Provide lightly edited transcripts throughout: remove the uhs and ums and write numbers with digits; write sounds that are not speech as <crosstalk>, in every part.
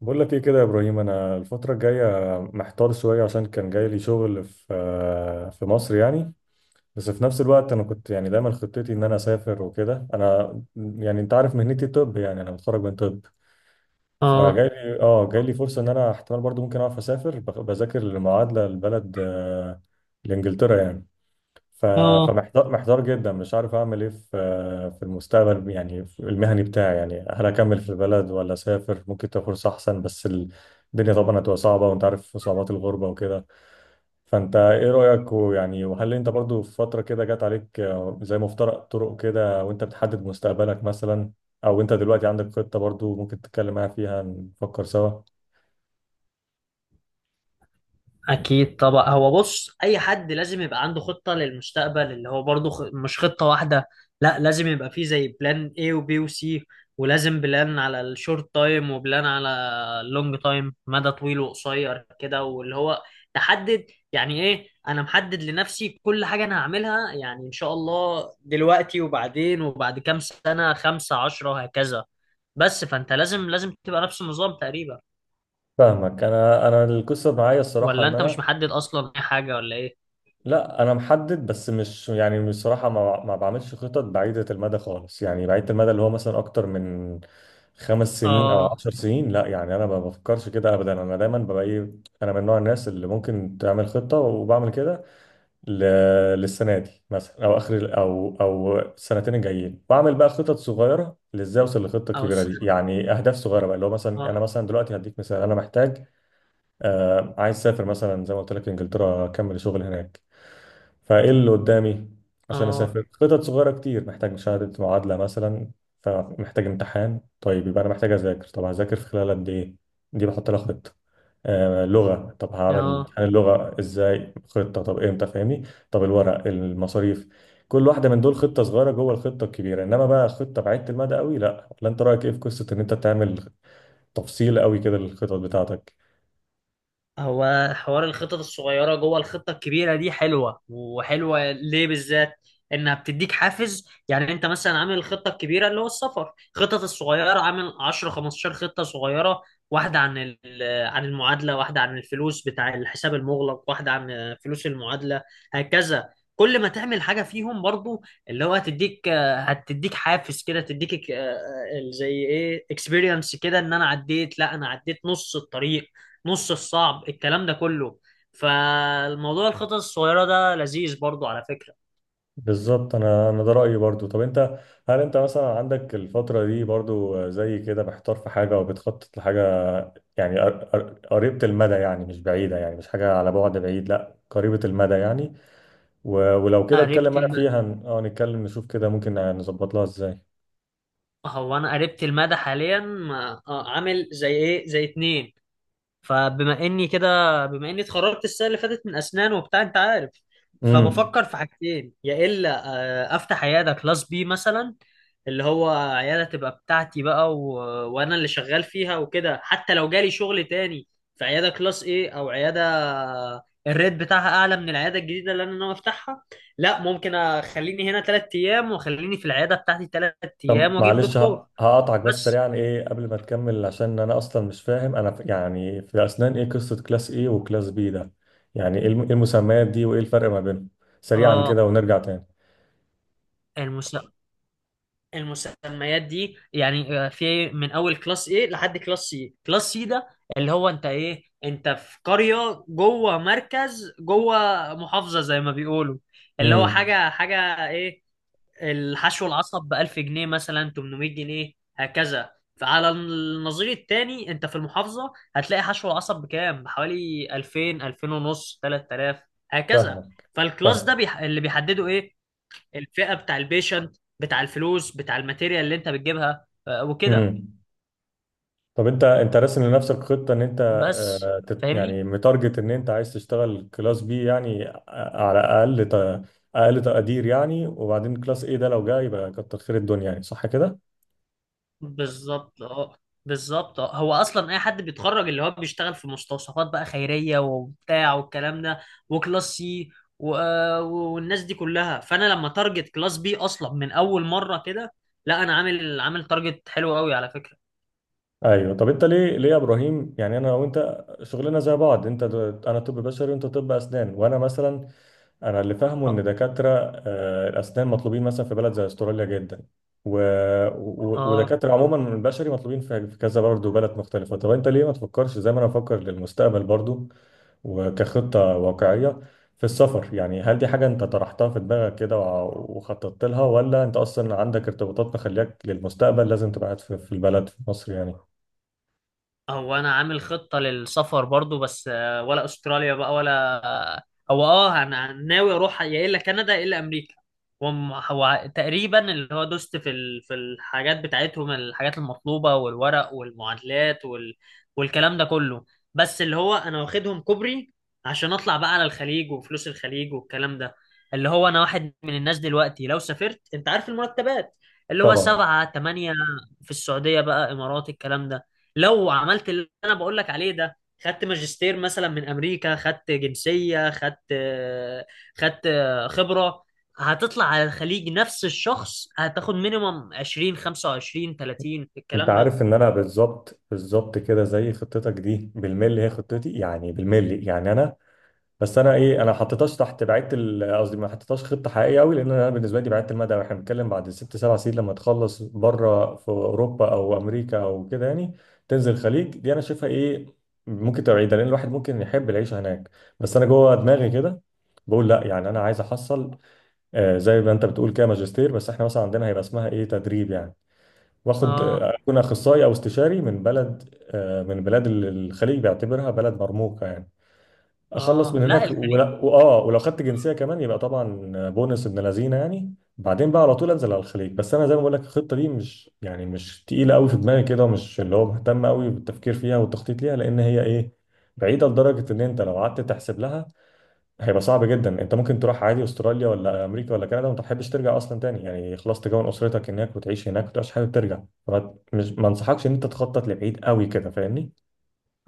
بقول لك ايه كده يا ابراهيم، انا الفتره الجايه محتار شويه، عشان كان جاي لي شغل في مصر يعني. بس في نفس الوقت انا كنت يعني دايما خطتي ان انا اسافر وكده. انا يعني انت عارف مهنتي، طب يعني انا متخرج من طب. اه، فجاي لي اه جاي لي فرصه ان انا احتمال برضو ممكن اعرف اسافر، بذاكر للمعادله لبلد، لانجلترا يعني. ف- اه، فمحتار جدا، مش عارف اعمل ايه في المستقبل يعني، في المهني بتاعي يعني. هل اكمل في البلد ولا اسافر ممكن تبقى فرصه احسن؟ بس الدنيا طبعا هتبقى صعبه، وانت عارف صعوبات الغربه وكده. فانت ايه رايك؟ ويعني وهل انت برضو في فتره كده جت عليك، زي مفترق طرق كده، وانت بتحدد مستقبلك مثلا؟ او انت دلوقتي عندك خطه برضو ممكن تتكلم معايا فيها نفكر سوا؟ اكيد طبعا. هو بص، اي حد لازم يبقى عنده خطة للمستقبل اللي هو برضو مش خطة واحدة. لا، لازم يبقى فيه زي بلان A وبي وسي، ولازم بلان على الشورت تايم، وبلان على اللونج تايم، مدى طويل وقصير كده، واللي هو تحدد. يعني ايه؟ انا محدد لنفسي كل حاجة انا هعملها، يعني ان شاء الله دلوقتي وبعدين وبعد كام سنة، 15، هكذا. بس فانت لازم تبقى نفس النظام تقريبا، فاهمك. انا القصه معايا الصراحه ولا ان انت انا، مش محدد اصلا اي حاجه ولا ايه؟ لا انا محدد، بس مش يعني، بصراحه ما بعملش خطط بعيده المدى خالص، يعني بعيده المدى اللي هو مثلا اكتر من 5 سنين او اه. 10 سنين، لا. يعني انا ما بفكرش كده ابدا. انا دايما ببقى ايه، انا من نوع الناس اللي ممكن تعمل خطه، وبعمل كده ل... للسنه دي مثلا، او اخر او السنتين الجايين بعمل بقى خطط صغيره، لازاي اوصل للخطه او الكبيره دي، السنه. يعني اهداف صغيره بقى، اللي هو مثلا انا اه. مثلا دلوقتي هديك مثال. انا محتاج عايز اسافر مثلا زي ما قلت لك انجلترا، اكمل شغل هناك. فايه اللي قدامي عشان اه. اسافر؟ خطط صغيره كتير. محتاج شهاده معادله مثلا، فمحتاج امتحان، طيب يبقى انا محتاج اذاكر طب، هذاكر في خلال قد ايه؟ دي بحط لها خطه. لغه، طب هعمل اه. امتحان اللغه ازاي، خطه، طب امتى؟ فاهمني. طب الورق، المصاريف. كل واحده من دول خطه صغيره جوه الخطه الكبيره. انما بقى خطه بعيده المدى قوي، لا. ولا انت رايك ايه في قصه ان انت تعمل تفصيل قوي كده للخطط بتاعتك؟ هو حوار الخطط الصغيرة جوه الخطة الكبيرة دي حلوة، وحلوة ليه بالذات؟ انها بتديك حافز. يعني انت مثلا عامل الخطة الكبيرة اللي هو السفر، خطط الصغيرة عامل 10 15 خطة صغيرة، واحدة عن ال- آه، عن المعادلة، واحدة عن الفلوس بتاع الحساب المغلق، واحدة عن فلوس المعادلة، هكذا. كل ما تعمل حاجة فيهم برضو اللي هو هتديك حافز كده، تديك زي ايه اكسبيرينس كده، ان انا عديت، لا انا عديت نص الطريق، نص الصعب، الكلام ده كله. فالموضوع الخطط الصغيرة ده لذيذ برضو على فكرة. بالظبط، انا ده رايي برضو. طب انت، هل انت مثلا عندك الفتره دي برضو زي كده محتار في حاجه، او بتخطط لحاجه، يعني قريبه المدى، يعني مش بعيده، يعني مش حاجه على بعد بعيد، لا قريبه المدى يعني؟ ولو كده اتكلم قربت معايا الم... فيها، نتكلم نشوف كده ممكن نظبط لها ازاي. هو انا قربت المدى حاليا. عامل زي ايه، زي اتنين. فبما اني كده بما اني اتخرجت السنه اللي فاتت من اسنان وبتاع، انت عارف. امم فبفكر في حاجتين، يا الا افتح عياده كلاس بي مثلا، اللي هو عياده تبقى بتاعتي بقى، وانا اللي شغال فيها وكده، حتى لو جالي شغل تاني في عياده كلاس ايه، او عياده الريت بتاعها اعلى من العياده الجديده اللي انا ناوي افتحها، لا ممكن اخليني هنا 3 ايام، واخليني في العياده بتاعتي ثلاث طب ايام واجيب معلش، دكتور، هقطعك بس بس. سريعا ايه قبل ما تكمل، عشان انا اصلا مش فاهم. انا يعني في الاسنان ايه قصة كلاس ايه وكلاس بي ده؟ يعني إيه المسميات دي، وايه الفرق ما بينهم؟ سريعا كده اه. ونرجع تاني. المس... المسميات دي يعني في من اول كلاس ايه لحد كلاس سي. كلاس سي ده اللي هو، انت ايه، انت في قرية جوه مركز جوه محافظة زي ما بيقولوا، اللي هو امم حاجة حاجة ايه، الحشو العصب ب 1000 جنيه مثلا، 800 جنيه، هكذا. فعلى النظير التاني، انت في المحافظة هتلاقي حشو العصب بكام؟ بحوالي 2000، 2000 ونص، 3000، هكذا. فاهمك. فالكلاس ده فاهم. اللي بيحدده ايه؟ الفئة بتاع البيشنت، بتاع الفلوس، بتاع الماتيريال اللي انت بتجيبها وكده. امم طب، انت راسم لنفسك خطة ان انت، بس، فاهمني. يعني متارجت ان انت عايز تشتغل كلاس بي يعني، على اقل اقل تقدير يعني، وبعدين كلاس ايه ده لو جه يبقى كتر خير الدنيا يعني، صح كده؟ بالظبط، اه. بالظبط، اه. هو اصلا اي حد بيتخرج اللي هو بيشتغل في مستوصفات بقى خيرية وبتاع والكلام ده، وكلاس سي والناس دي كلها، فانا لما تارجت كلاس بي اصلا من اول مرة كده، لا انا عامل تارجت حلو قوي على فكرة. ايوه. طب انت ليه يا ابراهيم يعني، انا وانت شغلنا زي بعض. انت انا طب بشري وانت طب اسنان. وانا مثلا، انا اللي فاهمه اه. ان دكاتره الاسنان مطلوبين مثلا في بلد زي استراليا جدا، و... اه. ودكاتره عموما من البشري مطلوبين في كذا برضه بلد مختلفه. طب انت ليه ما تفكرش زي ما انا بفكر للمستقبل برضه، وكخطه واقعيه في السفر يعني؟ هل دي حاجه انت طرحتها في دماغك كده وخططت لها، ولا انت اصلا عندك ارتباطات مخليك للمستقبل لازم تبقى قاعد في البلد في مصر يعني؟ هو انا عامل خطة للسفر برضو بس ولا استراليا بقى، ولا... هو انا ناوي اروح، يا الا كندا يا الا امريكا. هو تقريبا اللي هو دوست في الحاجات بتاعتهم، الحاجات المطلوبة، والورق، والمعادلات، والكلام ده كله. بس اللي هو انا واخدهم كوبري، عشان اطلع بقى على الخليج وفلوس الخليج والكلام ده. اللي هو انا واحد من الناس دلوقتي، لو سافرت انت عارف المرتبات، اللي هو طبعا. 7 8، في السعودية بقى، امارات، الكلام ده. لو عملت اللي انا بقول لك عليه ده، خدت ماجستير مثلا من امريكا، خدت جنسيه، خدت خبره، هتطلع على الخليج نفس الشخص هتاخد مينيمم 20، 25، 30، انت الكلام ده. عارف ان انا بالظبط بالظبط كده زي خطتك دي بالملي، هي خطتي يعني بالملي يعني. انا، بس انا ايه، انا ما حطيتهاش تحت بعيدة قصدي ما حطيتهاش خطه حقيقيه قوي، لان انا بالنسبه لي بعيدة المدى. واحنا بنتكلم بعد 6 7 سنين لما تخلص بره في اوروبا او امريكا او كده يعني، تنزل الخليج. دي انا شايفها ايه؟ ممكن تبقى بعيده، لان الواحد ممكن يحب العيشه هناك. بس انا جوه دماغي كده بقول لا. يعني انا عايز احصل زي ما انت بتقول كده ماجستير، بس احنا مثلا عندنا هيبقى اسمها ايه، تدريب يعني، واخد اه. اكون اخصائي او استشاري من بلد، من بلاد الخليج بيعتبرها بلد مرموقه يعني. اخلص اه. من لا هناك، ولا الخليج. واه، ولو خدت جنسيه كمان يبقى طبعا بونس ابن لذينه يعني، بعدين بقى على طول انزل على الخليج. بس انا زي ما بقول لك الخطه دي مش يعني مش تقيله قوي في دماغي كده، ومش اللي هو مهتم قوي بالتفكير فيها والتخطيط ليها، لان هي ايه، بعيده لدرجه ان انت لو قعدت تحسب لها هيبقى صعب جدا. انت ممكن تروح عادي استراليا ولا امريكا ولا كندا وما تحبش ترجع اصلا تاني يعني، خلاص تكون اسرتك هناك وتعيش هناك وتبقاش حابب ترجع. مش ما انصحكش ان انت تخطط لبعيد قوي كده، فاهمني؟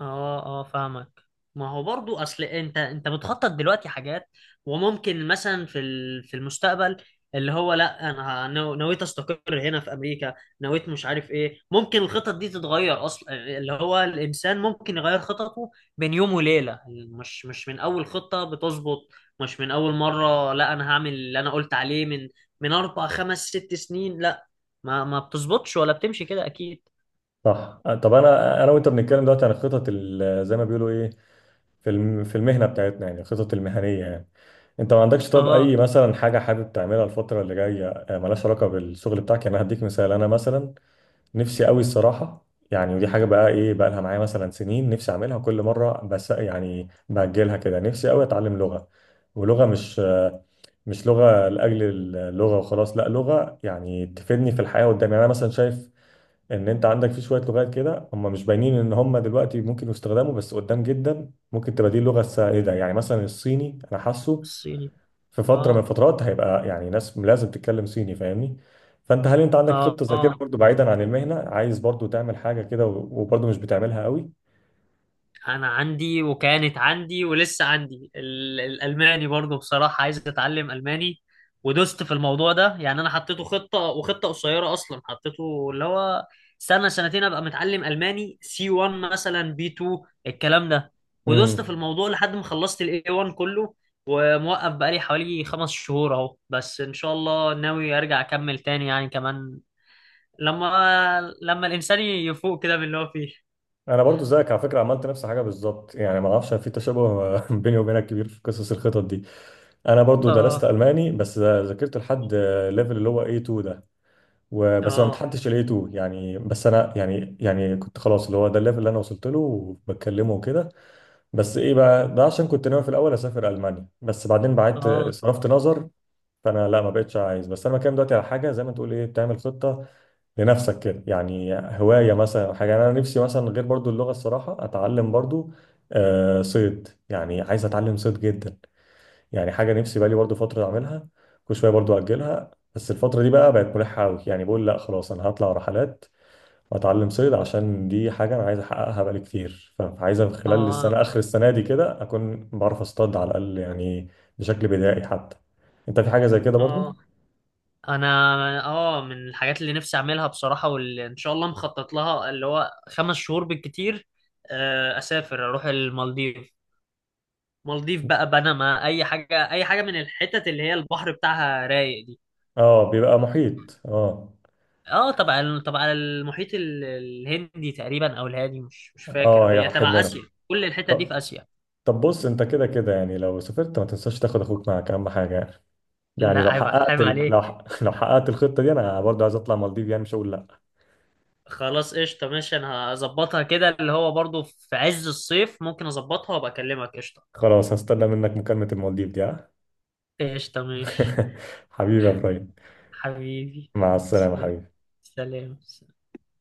اه. اه. فاهمك. ما هو برضو اصل انت بتخطط دلوقتي حاجات، وممكن مثلا في المستقبل، اللي هو، لا انا نويت استقر هنا في امريكا، نويت مش عارف ايه، ممكن الخطط دي تتغير اصلا، اللي هو الانسان ممكن يغير خططه بين يوم وليله، مش من اول خطه بتظبط، مش من اول مره لا، انا هعمل اللي انا قلت عليه من 4 5 6 سنين، لا ما بتظبطش ولا بتمشي كده اكيد. صح. طب انا وانت بنتكلم دلوقتي عن الخطط زي ما بيقولوا ايه، في المهنه بتاعتنا يعني، الخطط المهنيه يعني. انت ما عندكش طب اي اه. مثلا حاجه حابب تعملها الفتره اللي جايه، ملهاش علاقه بالشغل بتاعك يعني؟ انا هديك مثال. انا مثلا نفسي قوي الصراحة، يعني ودي حاجة بقى ايه بقى لها معايا مثلا سنين نفسي اعملها كل مرة، بس يعني بأجلها كده. نفسي قوي اتعلم لغة، ولغة مش لغة لأجل اللغة وخلاص، لا، لغة يعني تفيدني في الحياة قدام يعني. انا مثلا شايف ان انت عندك في شوية لغات كده هم مش باينين ان هم دلوقتي ممكن يستخدموا، بس قدام جدا ممكن تبقى دي اللغة السائدة. يعني مثلا الصيني انا حاسه الصيني. في فتره من اه. الفترات هيبقى يعني ناس لازم تتكلم صيني، فاهمني؟ فانت هل انت عندك اه. خطه زي كده اه. برضه بعيدا عن المهنه، عايز برضه تعمل حاجه كده وبرضه مش بتعملها قوي؟ انا عندي وكانت عندي ولسه عندي الالماني برضو، بصراحة عايز اتعلم الماني، ودوست في الموضوع ده، يعني انا حطيته خطة، وخطة قصيرة اصلا حطيته اللي هو سنة سنتين ابقى متعلم الماني سي 1 مثلا، بي 2، الكلام ده، ودوست في امم الموضوع لحد ما خلصت الاي 1 كله، وموقف بقالي حوالي 5 شهور اهو، بس ان شاء الله ناوي ارجع اكمل تاني يعني كمان، لما الانسان يفوق كده من اللي هو فيه. انا برضه زيك على فكره، عملت نفس الحاجه بالظبط يعني. ما اعرفش في تشابه <laughs> بيني وبينك كبير في قصص الخطط دي. انا برضه درست اه. الماني، بس ذاكرت لحد ليفل اللي هو A2 ده وبس، ما اه. امتحنتش ال A2 يعني. بس انا يعني كنت خلاص اللي هو ده الليفل اللي انا وصلت له وبتكلمه وكده. بس ايه بقى ده؟ عشان كنت ناوي في الاول اسافر المانيا، بس بعدين بعدت اه. صرفت نظر. فانا لا ما بقتش عايز. بس انا بتكلم دلوقتي على حاجه زي ما تقول ايه، بتعمل خطه لنفسك كده يعني، هوايه مثلا أو حاجه يعني. انا نفسي مثلا غير برضو اللغه الصراحه اتعلم برضو، صيد يعني، عايز اتعلم صيد جدا يعني. حاجه نفسي بقالي برضو فتره اعملها كل شويه، برضو اجلها، بس الفتره دي بقى بقت ملحه قوي. يعني بقول لا خلاص، انا هطلع رحلات اتعلم صيد، عشان دي حاجه انا عايز احققها بقالي كتير. فعايز من خلال السنه، اه. اخر السنه دي كده، اكون بعرف اصطاد على الاقل يعني، بشكل بدائي حتى. انت في حاجه زي كده برضو؟ اه. انا، اه، من الحاجات اللي نفسي اعملها بصراحه، واللي ان شاء الله مخطط لها اللي هو 5 شهور بالكتير، اسافر اروح المالديف، مالديف بقى، بنما، اي حاجه اي حاجه من الحتت اللي هي البحر بتاعها رايق دي. اه، بيبقى محيط، اه. اه طبعا طبعا، المحيط الهندي تقريبا، او الهادي، مش اه، فاكر، هي هي واحد تبع اسيا. منهم. كل الحتت دي في طب اسيا. طب بص، انت كده كده يعني لو سافرت ما تنساش تاخد اخوك معاك، اهم حاجه يعني. لا، يعني لو عيب حققت عيب عليك. <laughs> لو حققت الخطه دي انا برضو عايز اطلع مالديف يعني، مش هقول لا. خلاص، قشطه، ماشي، انا هظبطها كده، اللي هو برضو في عز الصيف ممكن اظبطها وابقى اكلمك، قشطه. خلاص، هستنى منك مكالمه المالديف دي، ها. قشطة، ماشي، <laughs> حبيبي يا ابراهيم، حبيبي. مع السلامه حبيبي. سلام. سلام.